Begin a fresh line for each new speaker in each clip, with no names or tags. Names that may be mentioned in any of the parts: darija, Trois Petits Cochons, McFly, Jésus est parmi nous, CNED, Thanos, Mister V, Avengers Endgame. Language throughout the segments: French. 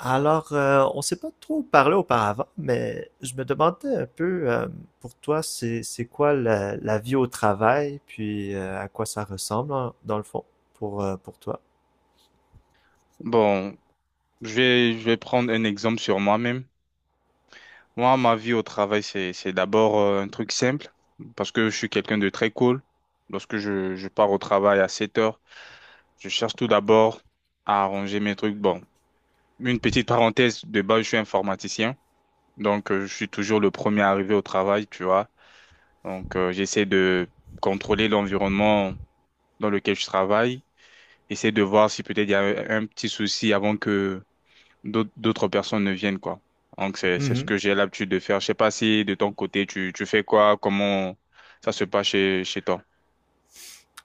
Alors, on s'est pas trop parlé auparavant, mais je me demandais un peu, pour toi, c'est quoi la vie au travail, puis à quoi ça ressemble, hein, dans le fond pour toi.
Bon, je vais prendre un exemple sur moi-même. Moi, ma vie au travail, c'est d'abord un truc simple, parce que je suis quelqu'un de très cool. Lorsque je pars au travail à 7 heures, je cherche tout d'abord à arranger mes trucs. Bon, une petite parenthèse, de base, je suis informaticien, donc je suis toujours le premier arrivé au travail, tu vois. Donc, j'essaie de contrôler l'environnement dans lequel je travaille, essayer de voir si peut-être il y a un petit souci avant que d'autres personnes ne viennent, quoi. Donc, c'est ce
Mhm.
que j'ai l'habitude de faire. Je sais pas si de ton côté, tu fais quoi, comment ça se passe chez toi.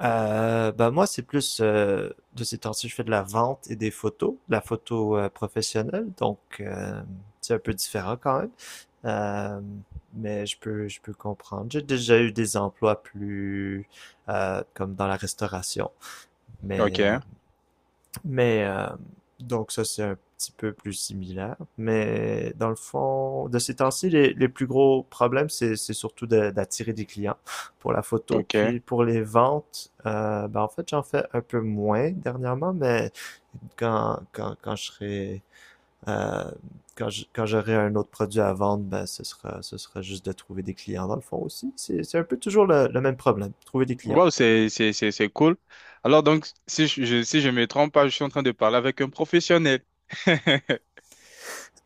Ben moi, c'est plus de ces temps-ci, je fais de la vente et des photos, de la photo professionnelle, donc c'est un peu différent quand même. Euh, mais je peux comprendre. J'ai déjà eu des emplois plus comme dans la restauration.
Ok,
Mais euh, Mais donc ça, c'est un petit peu plus similaire. Mais dans le fond, de ces temps-ci, les plus gros problèmes, c'est surtout d'attirer des clients pour la photo.
ok.
Puis pour les ventes, ben en fait, j'en fais un peu moins dernièrement, mais quand je serai... euh, quand j'aurai un autre produit à vendre, ben ce sera juste de trouver des clients dans le fond aussi. C'est un peu toujours le même problème, trouver des clients.
Wow, c'est cool. Alors, donc, si si je me trompe pas, je suis en train de parler avec un professionnel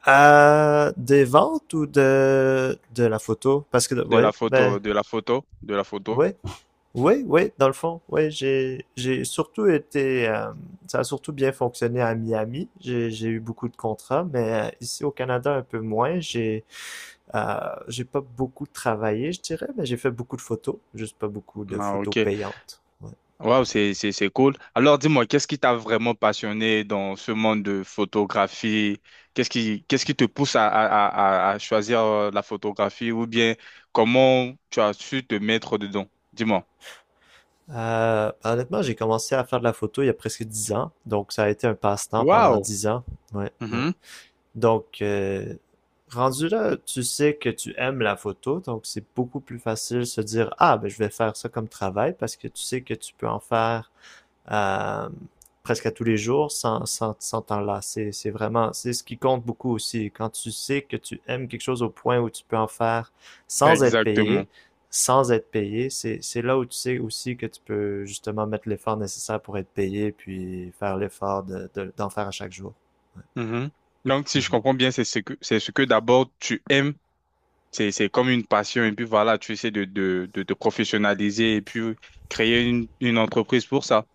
Des ventes ou de la photo? Parce que,
de
ouais,
la
ben,
photo, de la photo, de la photo.
ouais, oui, oui, dans le fond, oui, j'ai surtout été, ça a surtout bien fonctionné à Miami. J'ai eu beaucoup de contrats, mais ici au Canada un peu moins. J'ai pas beaucoup travaillé, je dirais, mais j'ai fait beaucoup de photos, juste pas beaucoup de
Ah,
photos
ok.
payantes. Ouais.
Wow, c'est cool. Alors dis-moi, qu'est-ce qui t'a vraiment passionné dans ce monde de photographie? Qu'est-ce qui te pousse à choisir la photographie ou bien comment tu as su te mettre dedans? Dis-moi.
Ben, honnêtement, j'ai commencé à faire de la photo il y a presque 10 ans, donc ça a été un passe-temps pendant
Wow.
10 ans. Ouais, ouais.
Mhm.
Donc, rendu là, tu sais que tu aimes la photo, donc c'est beaucoup plus facile de se dire, ah, ben, je vais faire ça comme travail parce que tu sais que tu peux en faire euh, presque à tous les jours sans t'enlacer. C'est vraiment, c'est ce qui compte beaucoup aussi. Quand tu sais que tu aimes quelque chose au point où tu peux en faire sans être payé,
Exactement.
sans être payé, c'est là où tu sais aussi que tu peux justement mettre l'effort nécessaire pour être payé, puis faire l'effort de, d'en faire à chaque jour.
Mhm. Donc si je
Mhm.
comprends bien, c'est ce que d'abord tu aimes. C'est comme une passion et puis voilà, tu essaies de te professionnaliser et puis créer une entreprise pour ça.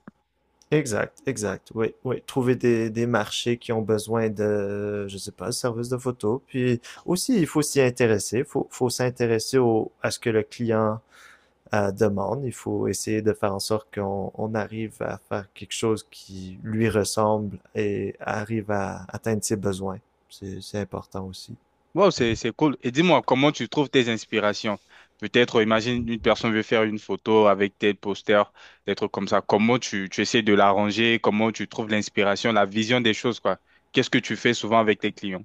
Exact, exact. Oui, oui. Trouver des marchés qui ont besoin de, je sais pas, services de photo. Puis aussi, il faut s'y intéresser. Il faut s'intéresser au, à ce que le client demande. Il faut essayer de faire en sorte qu'on on arrive à faire quelque chose qui lui ressemble et arrive à atteindre ses besoins. C'est important aussi.
Wow, c'est cool. Et dis-moi, comment tu trouves tes inspirations? Peut-être, imagine, une personne veut faire une photo avec tel poster, des trucs comme ça. Comment tu essaies de l'arranger? Comment tu trouves l'inspiration, la vision des choses, quoi? Qu'est-ce que tu fais souvent avec tes clients?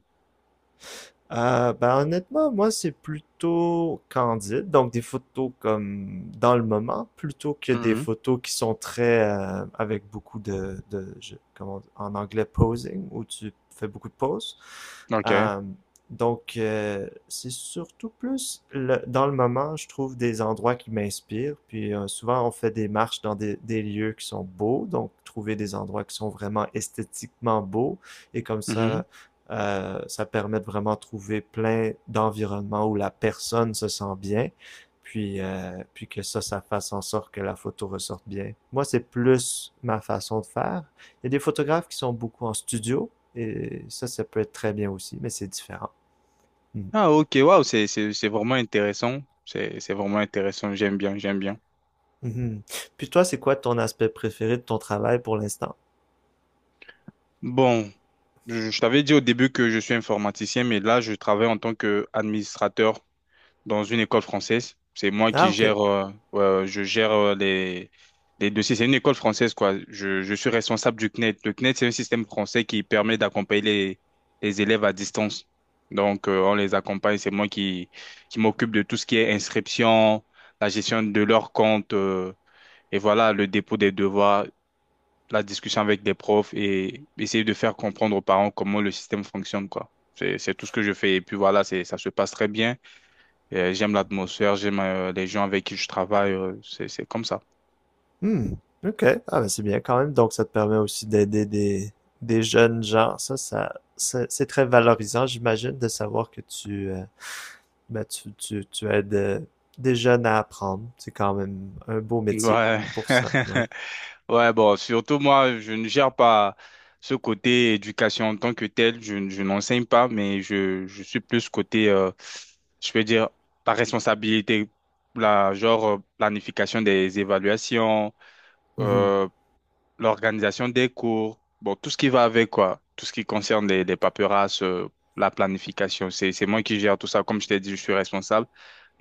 Ben honnêtement, moi c'est plutôt candide, donc des photos comme dans le moment, plutôt que des
Mhm.
photos qui sont très avec beaucoup de comment en anglais posing, où tu fais beaucoup de poses.
OK.
Euh, donc, c'est surtout plus dans le moment, je trouve des endroits qui m'inspirent, puis souvent on fait des marches dans des lieux qui sont beaux, donc trouver des endroits qui sont vraiment esthétiquement beaux, et comme
Mhm.
ça ça permet de vraiment trouver plein d'environnements où la personne se sent bien, puis que ça fasse en sorte que la photo ressorte bien. Moi, c'est plus ma façon de faire. Il y a des photographes qui sont beaucoup en studio, et ça peut être très bien aussi, mais c'est différent. Mhm.
Ah, OK. Wow, c'est vraiment intéressant. C'est vraiment intéressant. J'aime bien, j'aime bien.
Mhm. Puis toi, c'est quoi ton aspect préféré de ton travail pour l'instant?
Bon, je t'avais dit au début que je suis informaticien, mais là, je travaille en tant qu'administrateur dans une école française. C'est moi
Ah,
qui
ok.
gère, je gère les dossiers. C'est une école française, quoi. Je suis responsable du CNED. Le CNED, c'est un système français qui permet d'accompagner les élèves à distance. Donc, on les accompagne. C'est moi qui m'occupe de tout ce qui est inscription, la gestion de leur compte, et voilà, le dépôt des devoirs, la discussion avec les profs et essayer de faire comprendre aux parents comment le système fonctionne, quoi. C'est tout ce que je fais. Et puis voilà, ça se passe très bien. J'aime l'atmosphère, j'aime les gens avec qui je travaille, c'est comme ça.
Hmm. OK. Ah, ben c'est bien quand même. Donc, ça te permet aussi d'aider des jeunes gens. Ça, c'est très valorisant, j'imagine, de savoir que tu, tu aides des jeunes à apprendre. C'est quand même un beau métier
Ouais.
pour ça. Ouais.
Ouais, bon, surtout moi, je ne gère pas ce côté éducation en tant que tel, je n'enseigne pas, mais je suis plus côté, je peux dire, la responsabilité, la, genre planification des évaluations,
Mhm,
euh, l'organisation des cours, bon, tout ce qui va avec quoi, tout ce qui concerne les paperasses, la planification, c'est moi qui gère tout ça. Comme je t'ai dit, je suis responsable.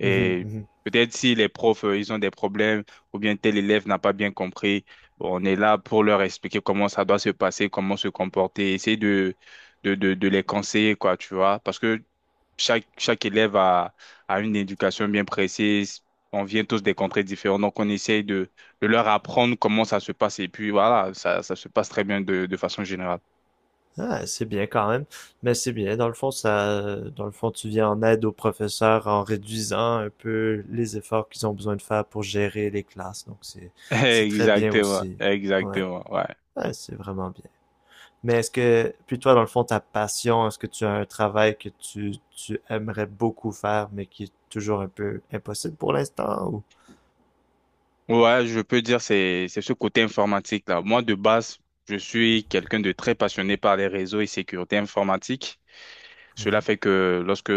mhm, mhm.
peut-être si les profs, ils ont des problèmes ou bien tel élève n'a pas bien compris, on est là pour leur expliquer comment ça doit se passer, comment se comporter, essayer de les conseiller, quoi, tu vois. Parce que chaque élève a une éducation bien précise. On vient tous des contrées différentes, donc on essaye de leur apprendre comment ça se passe. Et puis voilà, ça se passe très bien de façon générale.
Ah, c'est bien quand même. Mais c'est bien. Dans le fond, ça, dans le fond, tu viens en aide aux professeurs en réduisant un peu les efforts qu'ils ont besoin de faire pour gérer les classes. Donc, c'est très bien
Exactement,
aussi. Ouais.
exactement, ouais.
Ouais, c'est vraiment bien. Mais est-ce que, puis toi, dans le fond, ta passion, est-ce que tu as un travail que tu aimerais beaucoup faire, mais qui est toujours un peu impossible pour l'instant, ou?
Ouais, je peux dire c'est ce côté informatique là. Moi de base, je suis quelqu'un de très passionné par les réseaux et sécurité informatique. Cela fait que lorsque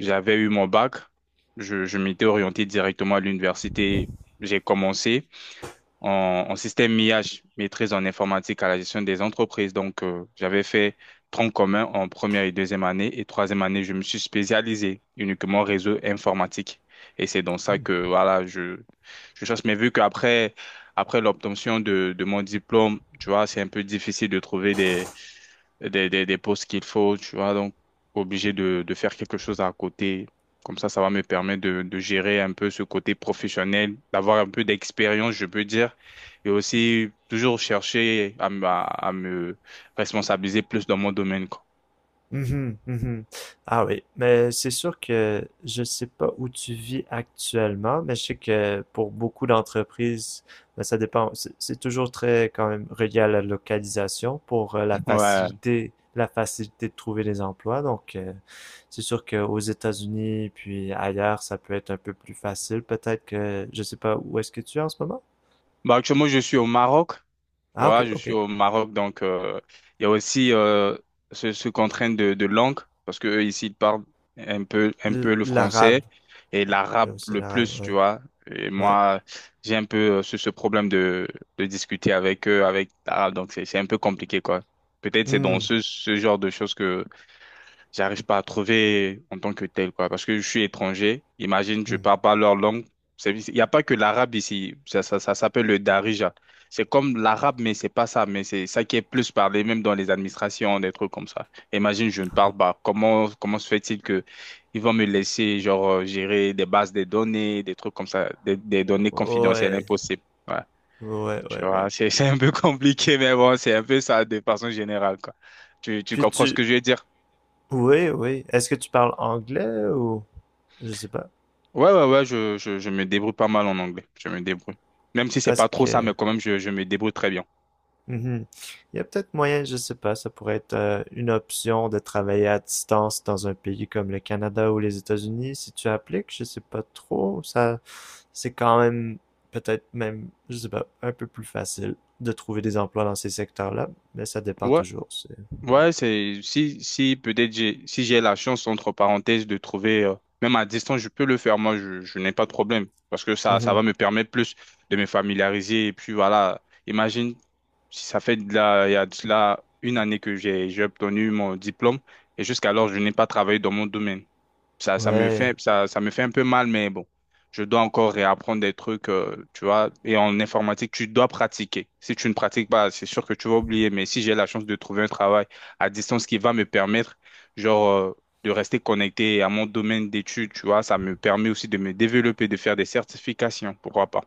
j'avais eu mon bac, je m'étais orienté directement à l'université. J'ai commencé en système IH, maîtrise en informatique à la gestion des entreprises. Donc, j'avais fait tronc commun en première et deuxième année. Et troisième année, je me suis spécialisé uniquement réseau informatique. Et c'est dans ça
Mhm.
que, voilà, je cherche. Mais vu qu'après, l'obtention de mon diplôme, tu vois, c'est un peu difficile de trouver des postes qu'il faut, tu vois, donc obligé de faire quelque chose à côté. Comme ça va me permettre de gérer un peu ce côté professionnel, d'avoir un peu d'expérience, je peux dire, et aussi toujours chercher à me responsabiliser plus dans mon domaine, quoi.
Mhm, mhm. Ah oui, mais c'est sûr que je sais pas où tu vis actuellement, mais je sais que pour beaucoup d'entreprises, ben, ça dépend. C'est toujours très quand même relié à la localisation pour
Ouais.
la facilité de trouver des emplois. Donc, c'est sûr qu'aux États-Unis puis ailleurs, ça peut être un peu plus facile. Peut-être que je sais pas où est-ce que tu es en ce moment.
Bah, actuellement, je suis au Maroc. Tu
Ah ok,
vois, je
ok.
suis au Maroc, donc il y a aussi ce contrainte de langue, parce que eux, ici, ils parlent un peu le
L'arabe,
français et
là
l'arabe
aussi
le
l'arabe,
plus, tu
ouais,
vois. Et
ouais.
moi, j'ai un peu ce problème de discuter avec eux, avec l'arabe, donc c'est un peu compliqué, quoi. Peut-être c'est dans
Hmm,
ce genre de choses que j'arrive pas à trouver en tant que tel, quoi. Parce que je suis étranger. Imagine, je
hmm.
parle pas leur langue. Il n'y a pas que l'arabe ici. Ça s'appelle le darija. C'est comme l'arabe, mais c'est pas ça. Mais c'est ça qui est plus parlé, même dans les administrations, des trucs comme ça. Imagine, je ne parle pas. Comment se fait-il que ils vont me laisser, genre, gérer des bases de données, des trucs comme ça, des données confidentielles
Ouais.
impossibles. Ouais.
Ouais,
Tu
ouais,
vois,
ouais.
c'est, c'est un peu compliqué, mais bon, c'est un peu ça de façon générale, quoi. Tu
Puis
comprends ce
tu...
que je veux dire?
Oui, oui. Est-ce que tu parles anglais ou... Je sais pas.
Ouais, ouais, ouais, je me débrouille pas mal en anglais. Je me débrouille. Même si c'est
Parce
pas trop ça,
que...
mais quand même, je me débrouille très bien.
Mhm. Il y a peut-être moyen, je sais pas, ça pourrait être une option de travailler à distance dans un pays comme le Canada ou les États-Unis. Si tu appliques, je sais pas trop. Ça, c'est quand même peut-être même, je sais pas, un peu plus facile de trouver des emplois dans ces secteurs-là, mais ça dépend
Ouais,
toujours.
ouais, c'est si peut-être j'ai si j'ai la chance entre parenthèses de trouver même à distance je peux le faire, moi je n'ai pas de problème parce que ça
Mhm.
va me permettre plus de me familiariser et puis voilà, imagine, si ça fait de la il y a de cela une année que j'ai obtenu mon diplôme et jusqu'alors je n'ai pas travaillé dans mon domaine, ça, ça me
Ouais.
fait, ça, ça me fait un peu mal, mais bon, je dois encore réapprendre des trucs, tu vois. Et en informatique, tu dois pratiquer. Si tu ne pratiques pas, c'est sûr que tu vas oublier. Mais si j'ai la chance de trouver un travail à distance qui va me permettre, genre, de rester connecté à mon domaine d'études, tu vois, ça me permet aussi de me développer, de faire des certifications, pourquoi pas.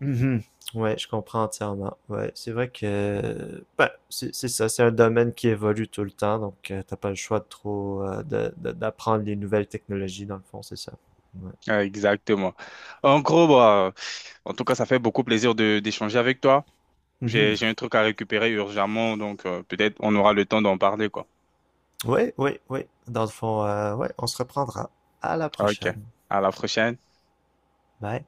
Mhm. Ouais, je comprends entièrement. Ouais, c'est vrai que ben, c'est ça, c'est un domaine qui évolue tout le temps, donc t'as pas le choix de trop d'apprendre les nouvelles technologies dans le fond, c'est ça. Ouais.
Ah, exactement. En gros, bah, en tout cas, ça fait beaucoup plaisir de d'échanger avec toi. J'ai,
Mhm.
j'ai un truc à récupérer urgemment, donc peut-être on aura le temps d'en parler, quoi.
Oui. Ouais, ouais. Dans le fond, ouais, on se reprendra. À la
Ok.
prochaine.
À la prochaine.
Bye.